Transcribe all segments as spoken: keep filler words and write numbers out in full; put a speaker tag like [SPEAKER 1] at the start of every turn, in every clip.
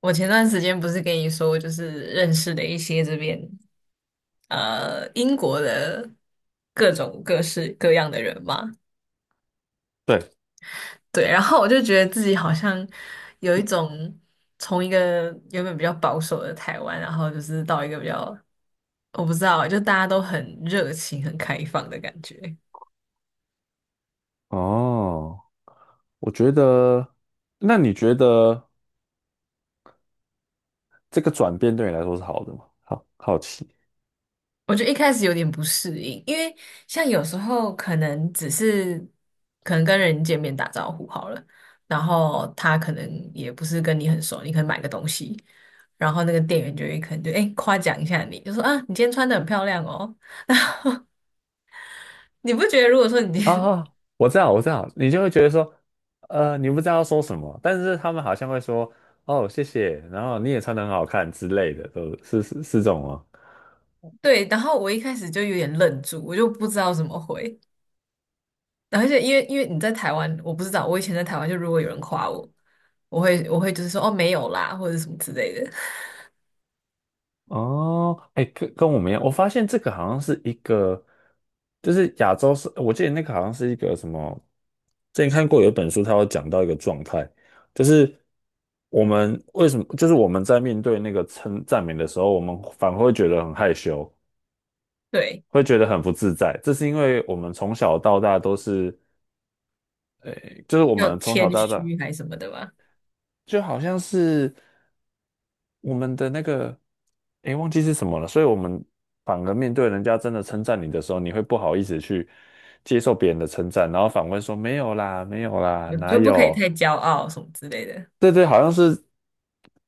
[SPEAKER 1] 我前段时间不是跟你说，就是认识了一些这边呃英国的各种各式各样的人嘛。
[SPEAKER 2] 对。
[SPEAKER 1] 对，然后我就觉得自己好像有一种从一个原本比较保守的台湾，然后就是到一个比较，我不知道啊，就大家都很热情、很开放的感觉。
[SPEAKER 2] 哦，我觉得，那你觉得这个转变对你来说是好的吗？好好奇。
[SPEAKER 1] 我觉得一开始有点不适应，因为像有时候可能只是可能跟人见面打招呼好了，然后他可能也不是跟你很熟，你可能买个东西，然后那个店员就会可能就哎夸奖一下你，就说啊你今天穿的很漂亮哦。你不觉得如果说你今天
[SPEAKER 2] 啊，我知道，我知道，你就会觉得说，呃，你不知道要说什么，但是他们好像会说，哦，谢谢，然后你也穿得很好看之类的，都是是是这种吗？
[SPEAKER 1] 对，然后我一开始就有点愣住，我就不知道怎么回，而且因为因为你在台湾，我不知道，我以前在台湾就如果有人夸我，我会我会就是说哦没有啦或者什么之类的。
[SPEAKER 2] 哦，哎，跟跟我们一样，我发现这个好像是一个，就是亚洲是，我记得那个好像是一个什么，之前看过有一本书，它有讲到一个状态，就是我们为什么，就是我们在面对那个称赞美的时候，我们反而会觉得很害羞，
[SPEAKER 1] 对。
[SPEAKER 2] 会觉得很不自在，这是因为我们从小到大都是，哎，就是我
[SPEAKER 1] 要
[SPEAKER 2] 们从小
[SPEAKER 1] 谦
[SPEAKER 2] 到大
[SPEAKER 1] 虚还是什么的吧，
[SPEAKER 2] 就好像是。我们的那个，诶，忘记是什么了，所以我们反而面对人家真的称赞你的时候，你会不好意思去接受别人的称赞，然后反问说没有啦，没有啦，
[SPEAKER 1] 我
[SPEAKER 2] 哪
[SPEAKER 1] 就不可以太
[SPEAKER 2] 有？
[SPEAKER 1] 骄傲什么之类的。
[SPEAKER 2] 对对，好像是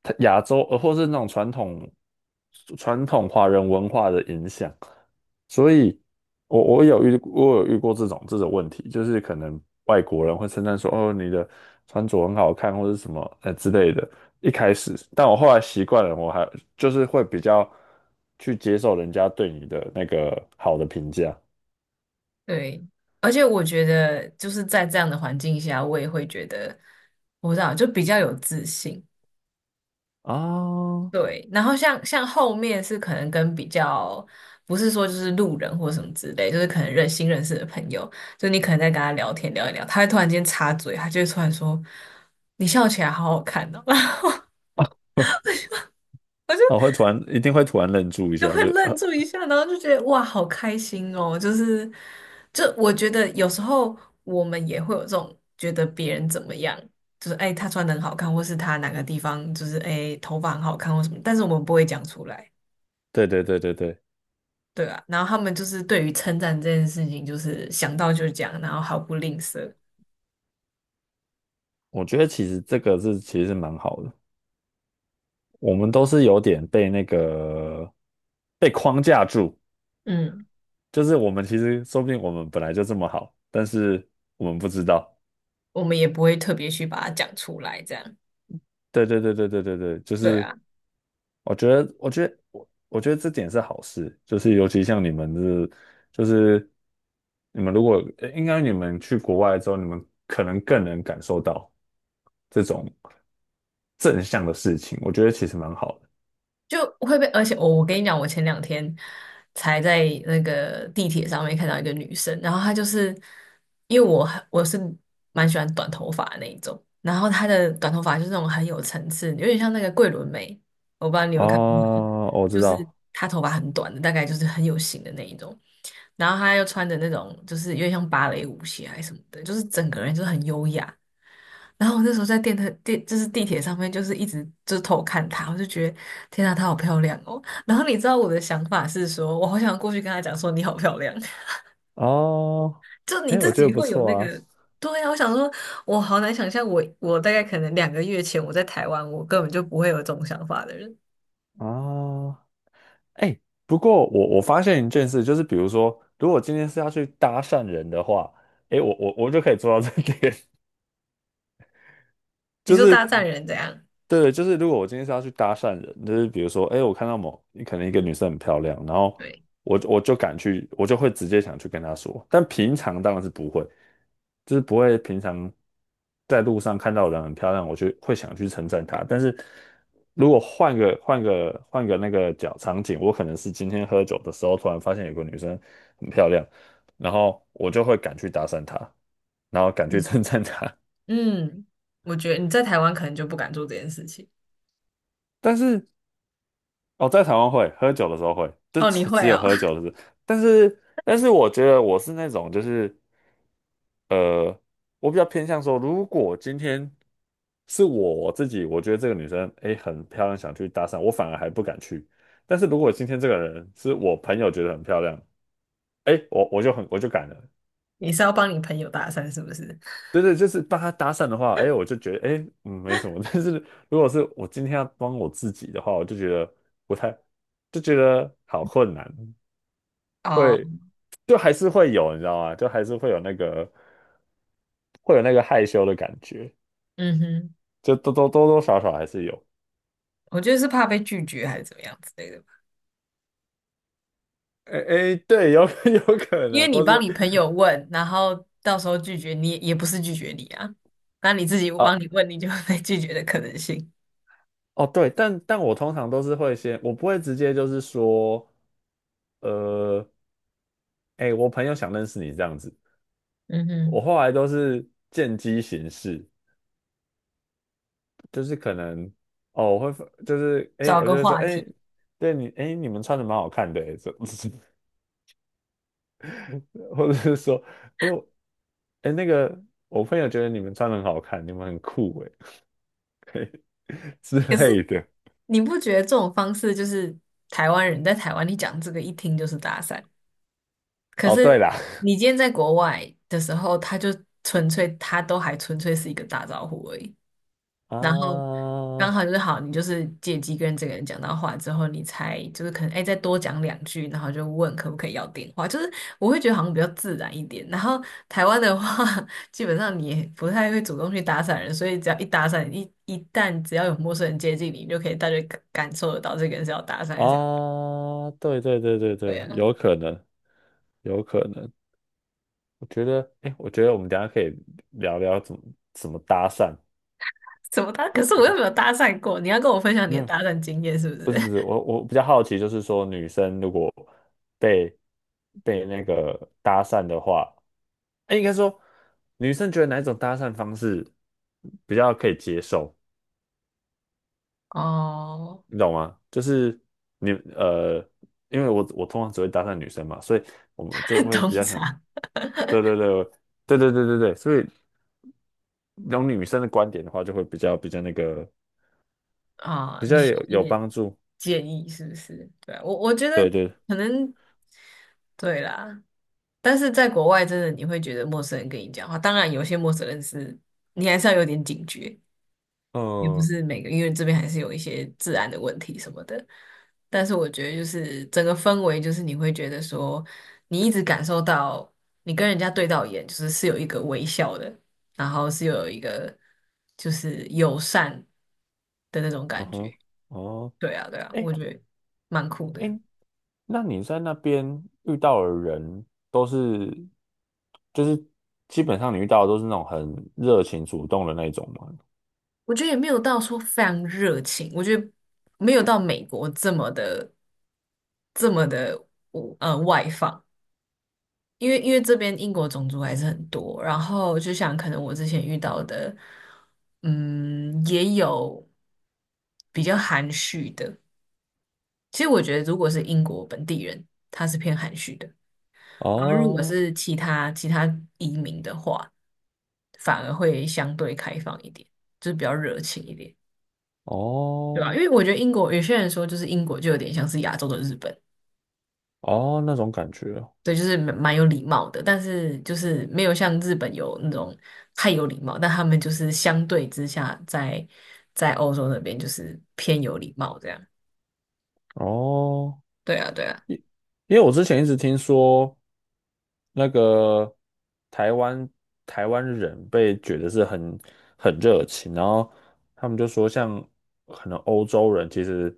[SPEAKER 2] 它亚洲，呃，或是那种传统传统华人文化的影响，所以我我有遇我有遇过这种这种问题，就是可能外国人会称赞说，哦，你的穿着很好看，或者什么呃之类的。一开始，但我后来习惯了，我还就是会比较去接受人家对你的那个好的评价。
[SPEAKER 1] 对，而且我觉得就是在这样的环境下，我也会觉得，我不知道，就比较有自信。
[SPEAKER 2] 啊，哦，
[SPEAKER 1] 对，然后像像后面是可能跟比较，不是说就是路人或什么之类，就是可能认新认识的朋友，就你可能在跟他聊天聊一聊，他会突然间插嘴，他就会突然说：“你笑起来好好看哦。”
[SPEAKER 2] 我会突然一定会突然愣住一
[SPEAKER 1] 就
[SPEAKER 2] 下，
[SPEAKER 1] 会
[SPEAKER 2] 就呃，
[SPEAKER 1] 愣住一下，然后就觉得哇，好开心哦！就是，就我觉得有时候我们也会有这种觉得别人怎么样，就是哎，他穿的很好看，或是他哪个地方就是哎头发很好看或什么，但是我们不会讲出来。
[SPEAKER 2] 对对对对对。
[SPEAKER 1] 对啊。然后他们就是对于称赞这件事情，就是想到就讲，然后毫不吝啬。
[SPEAKER 2] 我觉得其实这个是其实是蛮好的，我们都是有点被那个被框架住，
[SPEAKER 1] 嗯，
[SPEAKER 2] 就是我们其实说不定我们本来就这么好，但是我们不知道。
[SPEAKER 1] 我们也不会特别去把它讲出来，这样。
[SPEAKER 2] 对对对对对对对，就
[SPEAKER 1] 对
[SPEAKER 2] 是
[SPEAKER 1] 啊。
[SPEAKER 2] 我觉得我觉得我我觉得这点是好事，就是尤其像你们是就是你们如果呃应该你们去国外之后，你们可能更能感受到这种正向的事情，我觉得其实蛮好的。
[SPEAKER 1] 就会被，而且我我跟你讲，我前两天才在那个地铁上面看到一个女生，然后她就是因为我我是蛮喜欢短头发的那一种，然后她的短头发就是那种很有层次，有点像那个桂纶镁，我不知道你有没有看过，
[SPEAKER 2] 哦，我知
[SPEAKER 1] 就是
[SPEAKER 2] 道。
[SPEAKER 1] 她头发很短的，大概就是很有型的那一种，然后她又穿着那种就是有点像芭蕾舞鞋还是什么的，就是整个人就是很优雅，然后我那时候在电台地就是地铁上面，就是一直就是偷看她，我就觉得天啊，她好漂亮哦。然后你知道我的想法是说，我好想过去跟她讲说你好漂亮。
[SPEAKER 2] 哦，
[SPEAKER 1] 就你
[SPEAKER 2] 哎，我
[SPEAKER 1] 自
[SPEAKER 2] 觉得
[SPEAKER 1] 己
[SPEAKER 2] 不
[SPEAKER 1] 会有
[SPEAKER 2] 错
[SPEAKER 1] 那
[SPEAKER 2] 啊。
[SPEAKER 1] 个。对啊，我想说，我好难想象我，我大概可能两个月前我在台湾，我根本就不会有这种想法的人。
[SPEAKER 2] 啊，哎，不过我我发现一件事，就是比如说，如果今天是要去搭讪人的话，哎，我我我就可以做到这点。
[SPEAKER 1] 你
[SPEAKER 2] 就
[SPEAKER 1] 说
[SPEAKER 2] 是
[SPEAKER 1] 大赞人怎样？
[SPEAKER 2] 对，就是如果我今天是要去搭讪人，就是比如说，哎，我看到某可能一个女生很漂亮，然后
[SPEAKER 1] 对，
[SPEAKER 2] 我我就敢去，我就会直接想去跟她说，但平常当然是不会，就是不会平常在路上看到人很漂亮，我就会想去称赞她。但是如果换个换个换个那个角场景，我可能是今天喝酒的时候突然发现有个女生很漂亮，然后我就会敢去搭讪她，然后敢去
[SPEAKER 1] 嗯
[SPEAKER 2] 称赞她。
[SPEAKER 1] 嗯，我觉得你在台湾可能就不敢做这件事情。
[SPEAKER 2] 但是哦，在台湾会喝酒的时候会，就
[SPEAKER 1] 哦，你
[SPEAKER 2] 只
[SPEAKER 1] 会
[SPEAKER 2] 只有
[SPEAKER 1] 哦。
[SPEAKER 2] 喝酒的时候。但是，但是我觉得我是那种，就是呃，我比较偏向说，如果今天是我自己，我觉得这个女生诶很漂亮，想去搭讪，我反而还不敢去。但是如果今天这个人是我朋友觉得很漂亮，诶，我我就很我就敢了。
[SPEAKER 1] 你是要帮你朋友搭讪是不是？
[SPEAKER 2] 对对，就是帮她搭讪的话，诶，我就觉得诶嗯没什么。但是如果是我今天要帮我自己的话，我就觉得不太，就觉得好困难。
[SPEAKER 1] 哦，
[SPEAKER 2] 会就还是会有，你知道吗？就还是会有那个会有那个害羞的感觉，
[SPEAKER 1] 嗯哼。
[SPEAKER 2] 就多多多多少少还是有。
[SPEAKER 1] 我觉得是怕被拒绝还是怎么样之类的吧。
[SPEAKER 2] 哎哎，对，有 有可
[SPEAKER 1] 因
[SPEAKER 2] 能，
[SPEAKER 1] 为你
[SPEAKER 2] 或
[SPEAKER 1] 帮
[SPEAKER 2] 是
[SPEAKER 1] 你朋友问，然后到时候拒绝你也不是拒绝你啊，那你自己帮你
[SPEAKER 2] 啊。
[SPEAKER 1] 问，你就会被拒绝的可能性。
[SPEAKER 2] 哦对，但但我通常都是会先，我不会直接就是说，呃，哎，我朋友想认识你这样子，
[SPEAKER 1] 嗯
[SPEAKER 2] 我
[SPEAKER 1] 哼，
[SPEAKER 2] 后来都是见机行事，就是可能哦，我会就是哎，
[SPEAKER 1] 找
[SPEAKER 2] 我就
[SPEAKER 1] 个
[SPEAKER 2] 会说
[SPEAKER 1] 话
[SPEAKER 2] 哎，
[SPEAKER 1] 题。
[SPEAKER 2] 对你哎，你们穿的蛮好看的，这 或者是说，哎呦，哎那个我朋友觉得你们穿得很好看，你们很酷哎 之
[SPEAKER 1] 可是
[SPEAKER 2] 类的。
[SPEAKER 1] 你不觉得这种方式就是台湾人在台湾，你讲这个一听就是搭讪。可
[SPEAKER 2] 哦，
[SPEAKER 1] 是
[SPEAKER 2] 对啦。
[SPEAKER 1] 你今天在国外的时候，他就纯粹他都还纯粹是一个打招呼而已。然后刚
[SPEAKER 2] 啊
[SPEAKER 1] 好就是好，你就是借机跟这个人讲到话之后，你才就是可能哎再多讲两句，然后就问可不可以要电话，就是我会觉得好像比较自然一点。然后台湾的话，基本上你也不太会主动去搭讪人，所以只要一搭讪，一一旦只要有陌生人接近你，你就可以大概感感受得到这个人是要搭讪还是 要
[SPEAKER 2] 啊，对对对对
[SPEAKER 1] 对
[SPEAKER 2] 对，
[SPEAKER 1] 啊，
[SPEAKER 2] 有可能，有可能。我觉得，哎，我觉得我们等一下可以聊聊怎么怎么搭讪。
[SPEAKER 1] 怎么搭？可是我又
[SPEAKER 2] 我
[SPEAKER 1] 没有搭讪过，你要跟我分享你的
[SPEAKER 2] 嗯，
[SPEAKER 1] 搭讪经验是不
[SPEAKER 2] 不
[SPEAKER 1] 是？
[SPEAKER 2] 是不是，我我比较好奇，就是说女生如果被被那个搭讪的话，哎，应该说，女生觉得哪一种搭讪方式比较可以接受，
[SPEAKER 1] 哦，
[SPEAKER 2] 你懂吗？就是你呃，因为我我通常只会搭讪女生嘛，所以我们就 会
[SPEAKER 1] 通
[SPEAKER 2] 比较想，
[SPEAKER 1] 常。
[SPEAKER 2] 对对对对对对对对，所以用女生的观点的话，就会比较比较那个
[SPEAKER 1] 啊，
[SPEAKER 2] 比
[SPEAKER 1] 你
[SPEAKER 2] 较
[SPEAKER 1] 需
[SPEAKER 2] 有
[SPEAKER 1] 要一
[SPEAKER 2] 有
[SPEAKER 1] 点
[SPEAKER 2] 帮助。
[SPEAKER 1] 建议是不是？对啊我我觉得
[SPEAKER 2] 对对，
[SPEAKER 1] 可能对啦，但是在国外真的你会觉得陌生人跟你讲话，当然有些陌生人是你还是要有点警觉，也不
[SPEAKER 2] 嗯
[SPEAKER 1] 是每个，因为这边还是有一些治安的问题什么的。但是我觉得就是整个氛围，就是你会觉得说，你一直感受到你跟人家对到眼，就是是有一个微笑的，然后是有一个就是友善的那种
[SPEAKER 2] 嗯
[SPEAKER 1] 感
[SPEAKER 2] 哼，
[SPEAKER 1] 觉。
[SPEAKER 2] 哦，
[SPEAKER 1] 对啊，对啊，我
[SPEAKER 2] 哎
[SPEAKER 1] 觉得蛮酷的。
[SPEAKER 2] 哎，那你在那边遇到的人都是，就是基本上你遇到的都是那种很热情主动的那种吗？
[SPEAKER 1] 我觉得也没有到说非常热情，我觉得没有到美国这么的这么的呃外放，因为因为这边英国种族还是很多，然后就像可能我之前遇到的，嗯，也有比较含蓄的。其实我觉得如果是英国本地人，他是偏含蓄的。然后如果
[SPEAKER 2] 哦
[SPEAKER 1] 是其他其他移民的话，反而会相对开放一点，就是比较热情一点，对吧？
[SPEAKER 2] 哦
[SPEAKER 1] 因为我觉得英国有些人说，就是英国就有点像是亚洲的日本，
[SPEAKER 2] 哦，那种感觉
[SPEAKER 1] 对，就是蛮蛮有礼貌的，但是就是没有像日本有那种太有礼貌，但他们就是相对之下在在欧洲那边就是偏有礼貌这样。
[SPEAKER 2] 哦。
[SPEAKER 1] 对啊，对啊，
[SPEAKER 2] 因因为我之前一直听说，那个台湾台湾人被觉得是很很热情，然后他们就说像可能欧洲人其实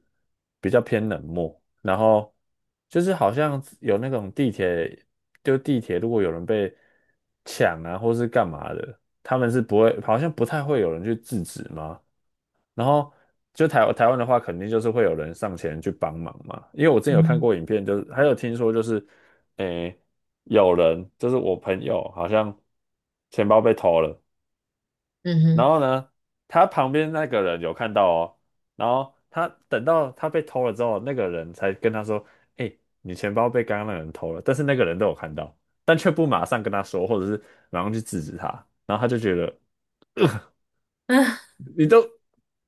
[SPEAKER 2] 比较偏冷漠，然后就是好像有那种地铁，就地铁如果有人被抢啊或是干嘛的，他们是不会，好像不太会有人去制止吗？然后就台台湾的话，肯定就是会有人上前去帮忙嘛。因为我之前
[SPEAKER 1] 嗯
[SPEAKER 2] 有看
[SPEAKER 1] 哼，
[SPEAKER 2] 过影片，就是还有听说就是，诶，有人就是我朋友好像钱包被偷了，然
[SPEAKER 1] 嗯
[SPEAKER 2] 后呢，他旁边那个人有看到哦，然后他等到他被偷了之后，那个人才跟他说，诶，你钱包被刚刚那个人偷了，但是那个人都有看到，但却不马上跟他说，或者是马上去制止他，然后他就觉得
[SPEAKER 1] 哼，啊，
[SPEAKER 2] 你都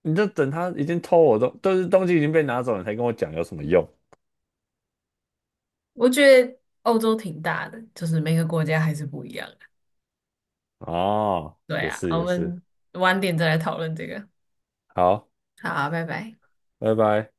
[SPEAKER 2] 你都等他已经偷我东，都是东西已经被拿走了，你才跟我讲有什么用？
[SPEAKER 1] 我觉得欧洲挺大的，就是每个国家还是不一样。
[SPEAKER 2] 哦，
[SPEAKER 1] 对
[SPEAKER 2] 也
[SPEAKER 1] 啊，
[SPEAKER 2] 是
[SPEAKER 1] 我
[SPEAKER 2] 也是。
[SPEAKER 1] 们晚点再来讨论这个。
[SPEAKER 2] 好，
[SPEAKER 1] 好，拜拜。
[SPEAKER 2] 拜拜。